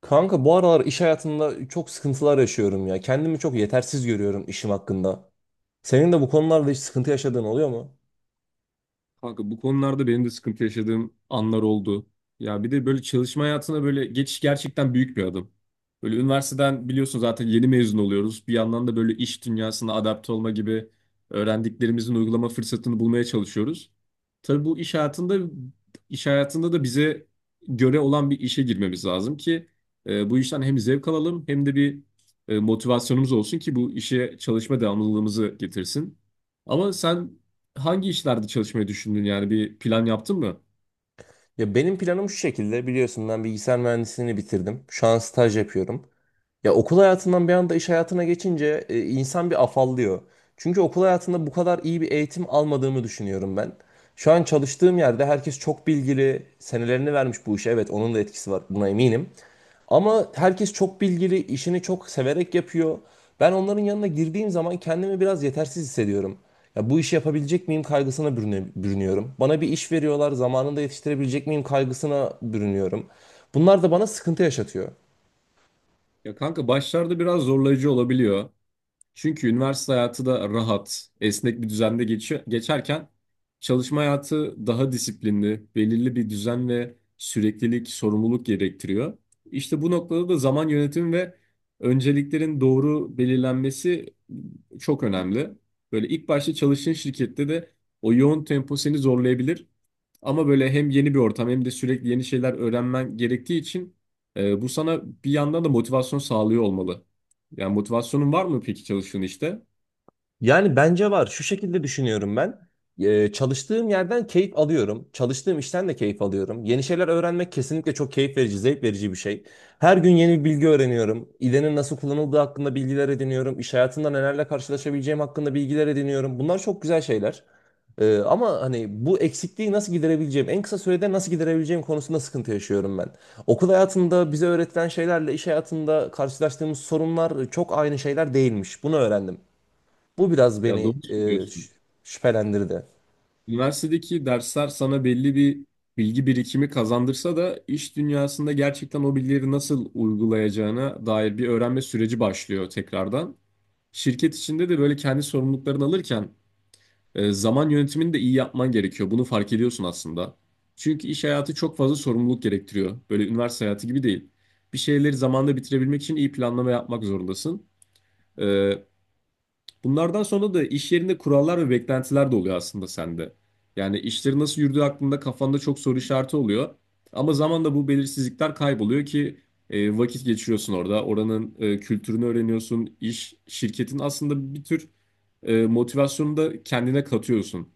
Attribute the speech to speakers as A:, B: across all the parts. A: Kanka bu aralar iş hayatında çok sıkıntılar yaşıyorum ya. Kendimi çok yetersiz görüyorum işim hakkında. Senin de bu konularda hiç sıkıntı yaşadığın oluyor mu?
B: Kanka bu konularda benim de sıkıntı yaşadığım anlar oldu. Ya bir de böyle çalışma hayatına böyle geçiş gerçekten büyük bir adım. Böyle üniversiteden biliyorsun zaten yeni mezun oluyoruz. Bir yandan da böyle iş dünyasına adapte olma gibi öğrendiklerimizin uygulama fırsatını bulmaya çalışıyoruz. Tabii bu iş hayatında da bize göre olan bir işe girmemiz lazım ki bu işten hem zevk alalım hem de bir motivasyonumuz olsun ki bu işe çalışma devamlılığımızı getirsin. Ama sen hangi işlerde çalışmayı düşündün yani bir plan yaptın mı?
A: Ya benim planım şu şekilde biliyorsun ben bilgisayar mühendisliğini bitirdim. Şu an staj yapıyorum. Ya okul hayatından bir anda iş hayatına geçince insan bir afallıyor. Çünkü okul hayatında bu kadar iyi bir eğitim almadığımı düşünüyorum ben. Şu an çalıştığım yerde herkes çok bilgili, senelerini vermiş bu işe. Evet, onun da etkisi var, buna eminim. Ama herkes çok bilgili, işini çok severek yapıyor. Ben onların yanına girdiğim zaman kendimi biraz yetersiz hissediyorum. Ya bu işi yapabilecek miyim kaygısına bürünüyorum. Bana bir iş veriyorlar, zamanında yetiştirebilecek miyim kaygısına bürünüyorum. Bunlar da bana sıkıntı yaşatıyor.
B: Ya kanka başlarda biraz zorlayıcı olabiliyor. Çünkü üniversite hayatı da rahat, esnek bir düzende geçiyor, geçerken çalışma hayatı daha disiplinli, belirli bir düzen ve süreklilik, sorumluluk gerektiriyor. İşte bu noktada da zaman yönetimi ve önceliklerin doğru belirlenmesi çok önemli. Böyle ilk başta çalıştığın şirkette de o yoğun tempo seni zorlayabilir. Ama böyle hem yeni bir ortam hem de sürekli yeni şeyler öğrenmen gerektiği için bu sana bir yandan da motivasyon sağlıyor olmalı. Yani motivasyonun var mı peki çalıştığın işte?
A: Yani bence var. Şu şekilde düşünüyorum ben. Çalıştığım yerden keyif alıyorum. Çalıştığım işten de keyif alıyorum. Yeni şeyler öğrenmek kesinlikle çok keyif verici, zevk verici bir şey. Her gün yeni bir bilgi öğreniyorum. İDE'nin nasıl kullanıldığı hakkında bilgiler ediniyorum. İş hayatında nelerle karşılaşabileceğim hakkında bilgiler ediniyorum. Bunlar çok güzel şeyler. Ama hani bu eksikliği nasıl giderebileceğim, en kısa sürede nasıl giderebileceğim konusunda sıkıntı yaşıyorum ben. Okul hayatında bize öğretilen şeylerle iş hayatında karşılaştığımız sorunlar çok aynı şeyler değilmiş. Bunu öğrendim. Bu biraz
B: Ya
A: beni
B: doğru söylüyorsun.
A: şüphelendirdi.
B: Üniversitedeki dersler sana belli bir bilgi birikimi kazandırsa da iş dünyasında gerçekten o bilgileri nasıl uygulayacağına dair bir öğrenme süreci başlıyor tekrardan. Şirket içinde de böyle kendi sorumluluklarını alırken zaman yönetimini de iyi yapman gerekiyor. Bunu fark ediyorsun aslında. Çünkü iş hayatı çok fazla sorumluluk gerektiriyor. Böyle üniversite hayatı gibi değil. Bir şeyleri zamanında bitirebilmek için iyi planlama yapmak zorundasın. E, Bunlardan sonra da iş yerinde kurallar ve beklentiler de oluyor aslında sende. Yani işlerin nasıl yürüdüğü hakkında kafanda çok soru işareti oluyor. Ama zamanla bu belirsizlikler kayboluyor ki vakit geçiriyorsun orada. Oranın kültürünü öğreniyorsun. İş, şirketin aslında bir tür motivasyonunu da kendine katıyorsun.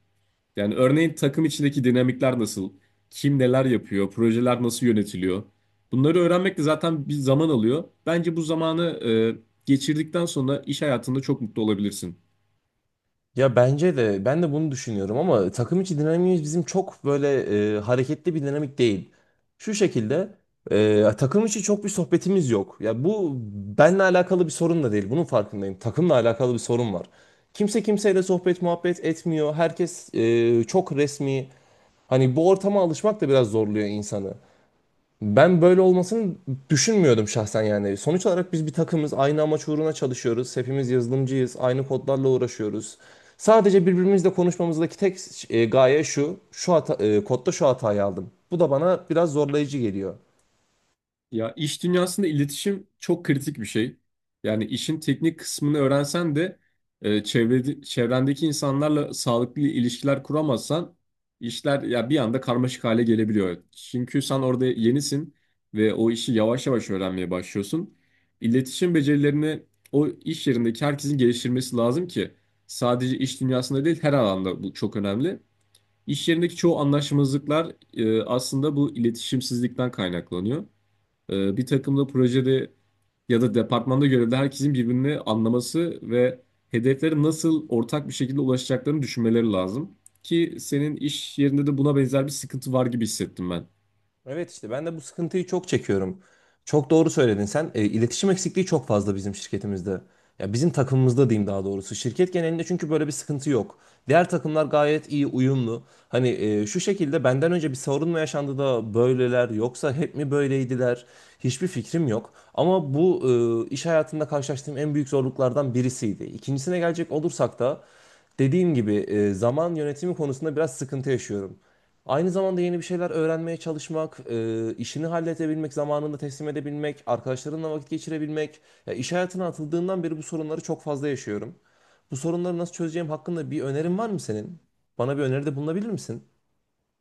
B: Yani örneğin takım içindeki dinamikler nasıl? Kim neler yapıyor? Projeler nasıl yönetiliyor? Bunları öğrenmek de zaten bir zaman alıyor. Bence bu zamanı geçirdikten sonra iş hayatında çok mutlu olabilirsin.
A: Ya bence de ben de bunu düşünüyorum ama takım içi dinamiğimiz bizim çok böyle hareketli bir dinamik değil. Şu şekilde takım içi çok bir sohbetimiz yok. Ya bu benle alakalı bir sorun da değil. Bunun farkındayım. Takımla alakalı bir sorun var. Kimse kimseyle sohbet muhabbet etmiyor. Herkes çok resmi. Hani bu ortama alışmak da biraz zorluyor insanı. Ben böyle olmasını düşünmüyordum şahsen yani. Sonuç olarak biz bir takımız, aynı amaç uğruna çalışıyoruz. Hepimiz yazılımcıyız, aynı kodlarla uğraşıyoruz. Sadece birbirimizle konuşmamızdaki tek gaye şu, şu hata, kodda şu hatayı aldım. Bu da bana biraz zorlayıcı geliyor.
B: Ya iş dünyasında iletişim çok kritik bir şey. Yani işin teknik kısmını öğrensen de çevrendeki insanlarla sağlıklı ilişkiler kuramazsan işler ya bir anda karmaşık hale gelebiliyor. Çünkü sen orada yenisin ve o işi yavaş yavaş öğrenmeye başlıyorsun. İletişim becerilerini o iş yerindeki herkesin geliştirmesi lazım ki sadece iş dünyasında değil her alanda bu çok önemli. İş yerindeki çoğu anlaşmazlıklar aslında bu iletişimsizlikten kaynaklanıyor. Bir takımda projede ya da departmanda görevli herkesin birbirini anlaması ve hedeflere nasıl ortak bir şekilde ulaşacaklarını düşünmeleri lazım. Ki senin iş yerinde de buna benzer bir sıkıntı var gibi hissettim ben.
A: Evet işte ben de bu sıkıntıyı çok çekiyorum. Çok doğru söyledin sen. İletişim eksikliği çok fazla bizim şirketimizde. Ya bizim takımımızda diyeyim daha doğrusu. Şirket genelinde çünkü böyle bir sıkıntı yok. Diğer takımlar gayet iyi uyumlu. Hani şu şekilde benden önce bir sorun mu yaşandı da böyleler yoksa hep mi böyleydiler? Hiçbir fikrim yok. Ama bu iş hayatında karşılaştığım en büyük zorluklardan birisiydi. İkincisine gelecek olursak da dediğim gibi zaman yönetimi konusunda biraz sıkıntı yaşıyorum. Aynı zamanda yeni bir şeyler öğrenmeye çalışmak, işini halledebilmek, zamanında teslim edebilmek, arkadaşlarınla vakit geçirebilmek. Ya iş hayatına atıldığından beri bu sorunları çok fazla yaşıyorum. Bu sorunları nasıl çözeceğim hakkında bir önerin var mı senin? Bana bir öneride bulunabilir misin?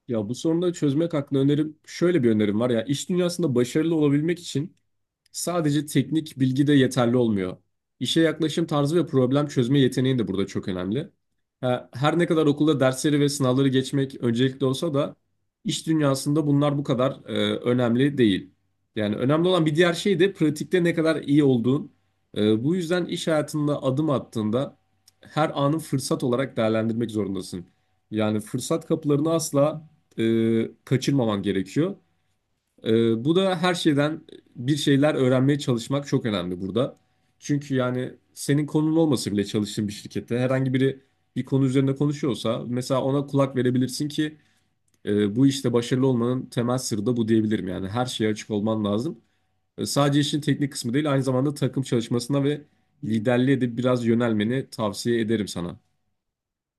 B: Ya bu sorunu da çözmek hakkında önerim şöyle bir önerim var ya iş dünyasında başarılı olabilmek için sadece teknik bilgi de yeterli olmuyor. İşe yaklaşım tarzı ve problem çözme yeteneğin de burada çok önemli. Ha, her ne kadar okulda dersleri ve sınavları geçmek öncelikli olsa da iş dünyasında bunlar bu kadar önemli değil. Yani önemli olan bir diğer şey de pratikte ne kadar iyi olduğun. Bu yüzden iş hayatında adım attığında her anı fırsat olarak değerlendirmek zorundasın. Yani fırsat kapılarını asla kaçırmaman gerekiyor. Bu da her şeyden bir şeyler öğrenmeye çalışmak çok önemli burada. Çünkü yani senin konun olmasa bile çalıştığın bir şirkette herhangi biri bir konu üzerinde konuşuyorsa mesela ona kulak verebilirsin ki bu işte başarılı olmanın temel sırrı da bu diyebilirim. Yani her şeye açık olman lazım. Sadece işin teknik kısmı değil, aynı zamanda takım çalışmasına ve liderliğe de biraz yönelmeni tavsiye ederim sana.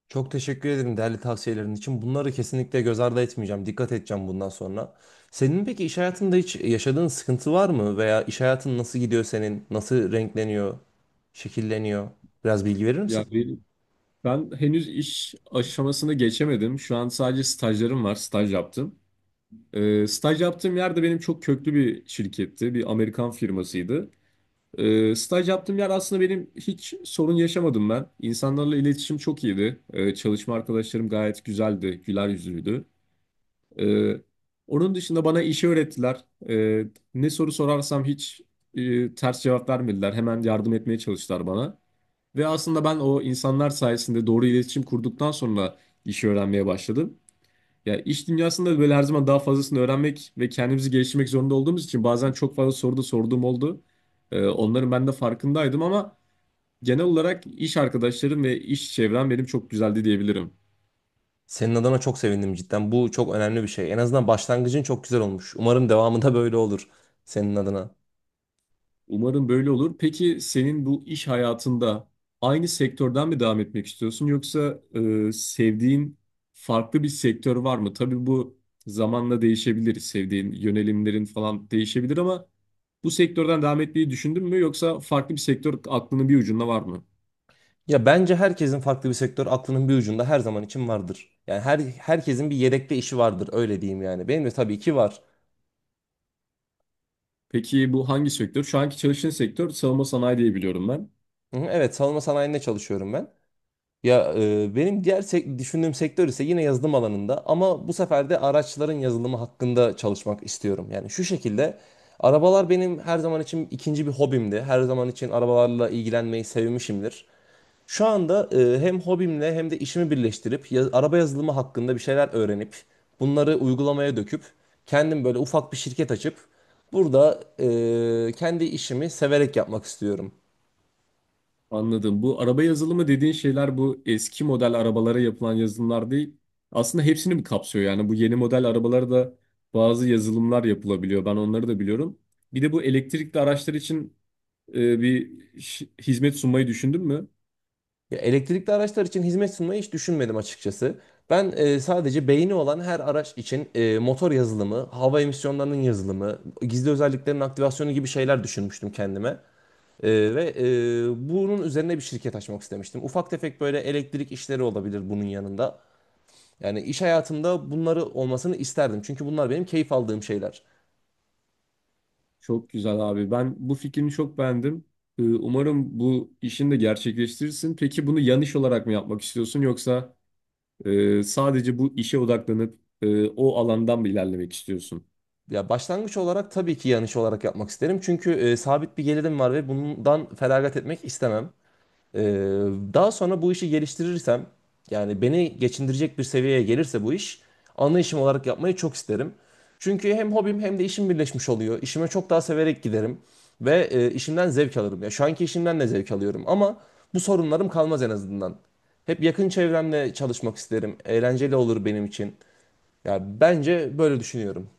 A: Çok teşekkür ederim değerli tavsiyelerin için. Bunları kesinlikle göz ardı etmeyeceğim. Dikkat edeceğim bundan sonra. Senin peki iş hayatında hiç yaşadığın sıkıntı var mı? Veya iş hayatın nasıl gidiyor senin? Nasıl renkleniyor, şekilleniyor? Biraz bilgi verir
B: Ya
A: misin?
B: ben, ben henüz iş aşamasını geçemedim. Şu an sadece stajlarım var, staj yaptım. Staj yaptığım yerde benim çok köklü bir şirketti, bir Amerikan firmasıydı. Staj yaptığım yer aslında benim hiç sorun yaşamadım ben. İnsanlarla iletişim çok iyiydi. Çalışma arkadaşlarım gayet güzeldi, güler yüzlüydü. Ee, Onun dışında bana işi öğrettiler. Ne soru sorarsam hiç ters cevap vermediler. Hemen yardım etmeye çalıştılar bana. Ve aslında ben o insanlar sayesinde doğru iletişim kurduktan sonra işi öğrenmeye başladım. Ya iş dünyasında böyle her zaman daha fazlasını öğrenmek ve kendimizi geliştirmek zorunda olduğumuz için bazen çok fazla soru da sorduğum oldu. Onların ben de farkındaydım ama genel olarak iş arkadaşlarım ve iş çevrem benim çok güzeldi diyebilirim.
A: Senin adına çok sevindim cidden. Bu çok önemli bir şey. En azından başlangıcın çok güzel olmuş. Umarım devamı da böyle olur senin adına.
B: Umarım böyle olur. Peki senin bu iş hayatında aynı sektörden mi devam etmek istiyorsun yoksa sevdiğin farklı bir sektör var mı? Tabii bu zamanla değişebilir. Sevdiğin yönelimlerin falan değişebilir ama bu sektörden devam etmeyi düşündün mü yoksa farklı bir sektör aklının bir ucunda var mı?
A: Ya bence herkesin farklı bir sektör aklının bir ucunda her zaman için vardır. Yani herkesin bir yedekte işi vardır öyle diyeyim yani. Benim de tabii ki var.
B: Peki bu hangi sektör? Şu anki çalıştığın sektör savunma sanayi diye biliyorum ben.
A: Hı hı, evet, savunma sanayinde çalışıyorum ben. Benim diğer düşündüğüm sektör ise yine yazılım alanında ama bu sefer de araçların yazılımı hakkında çalışmak istiyorum. Yani şu şekilde, arabalar benim her zaman için ikinci bir hobimdi. Her zaman için arabalarla ilgilenmeyi sevmişimdir. Şu anda hem hobimle hem de işimi birleştirip araba yazılımı hakkında bir şeyler öğrenip bunları uygulamaya döküp kendim böyle ufak bir şirket açıp burada kendi işimi severek yapmak istiyorum.
B: Anladım. Bu araba yazılımı dediğin şeyler bu eski model arabalara yapılan yazılımlar değil. Aslında hepsini mi kapsıyor? Yani bu yeni model arabalara da bazı yazılımlar yapılabiliyor. Ben onları da biliyorum. Bir de bu elektrikli araçlar için e, bir şi- hizmet sunmayı düşündün mü?
A: Ya, elektrikli araçlar için hizmet sunmayı hiç düşünmedim açıkçası. Ben sadece beyni olan her araç için motor yazılımı, hava emisyonlarının yazılımı, gizli özelliklerin aktivasyonu gibi şeyler düşünmüştüm kendime. Ve bunun üzerine bir şirket açmak istemiştim. Ufak tefek böyle elektrik işleri olabilir bunun yanında. Yani iş hayatımda bunları olmasını isterdim. Çünkü bunlar benim keyif aldığım şeyler.
B: Çok güzel abi. Ben bu fikrini çok beğendim. Umarım bu işini de gerçekleştirirsin. Peki bunu yan iş olarak mı yapmak istiyorsun yoksa sadece bu işe odaklanıp o alandan mı ilerlemek istiyorsun?
A: Ya başlangıç olarak tabii ki yan iş olarak yapmak isterim. Çünkü sabit bir gelirim var ve bundan feragat etmek istemem. Ee, Daha sonra bu işi geliştirirsem yani beni geçindirecek bir seviyeye gelirse bu iş ana işim olarak yapmayı çok isterim. Çünkü hem hobim hem de işim birleşmiş oluyor. İşime çok daha severek giderim ve işimden zevk alırım. Ya şu anki işimden de zevk alıyorum ama bu sorunlarım kalmaz en azından. Hep yakın çevremle çalışmak isterim. Eğlenceli olur benim için. Ya bence böyle düşünüyorum.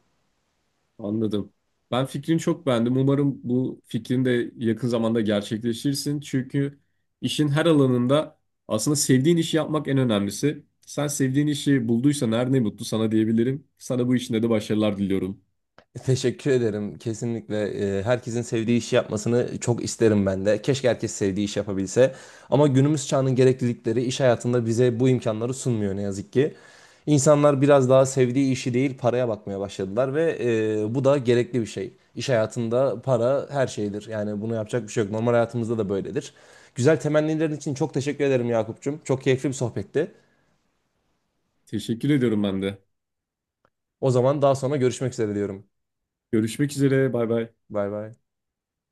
B: Anladım. Ben fikrini çok beğendim. Umarım bu fikrin de yakın zamanda gerçekleşirsin. Çünkü işin her alanında aslında sevdiğin işi yapmak en önemlisi. Sen sevdiğin işi bulduysan her ne mutlu sana diyebilirim. Sana bu işinde de başarılar diliyorum.
A: Teşekkür ederim. Kesinlikle herkesin sevdiği işi yapmasını çok isterim ben de. Keşke herkes sevdiği iş yapabilse. Ama günümüz çağının gereklilikleri iş hayatında bize bu imkanları sunmuyor ne yazık ki. İnsanlar biraz daha sevdiği işi değil paraya bakmaya başladılar ve bu da gerekli bir şey. İş hayatında para her şeydir. Yani bunu yapacak bir şey yok. Normal hayatımızda da böyledir. Güzel temennilerin için çok teşekkür ederim Yakup'cum. Çok keyifli bir sohbetti.
B: Teşekkür ediyorum ben de.
A: O zaman daha sonra görüşmek üzere diyorum.
B: Görüşmek üzere. Bay bay.
A: Bay bay.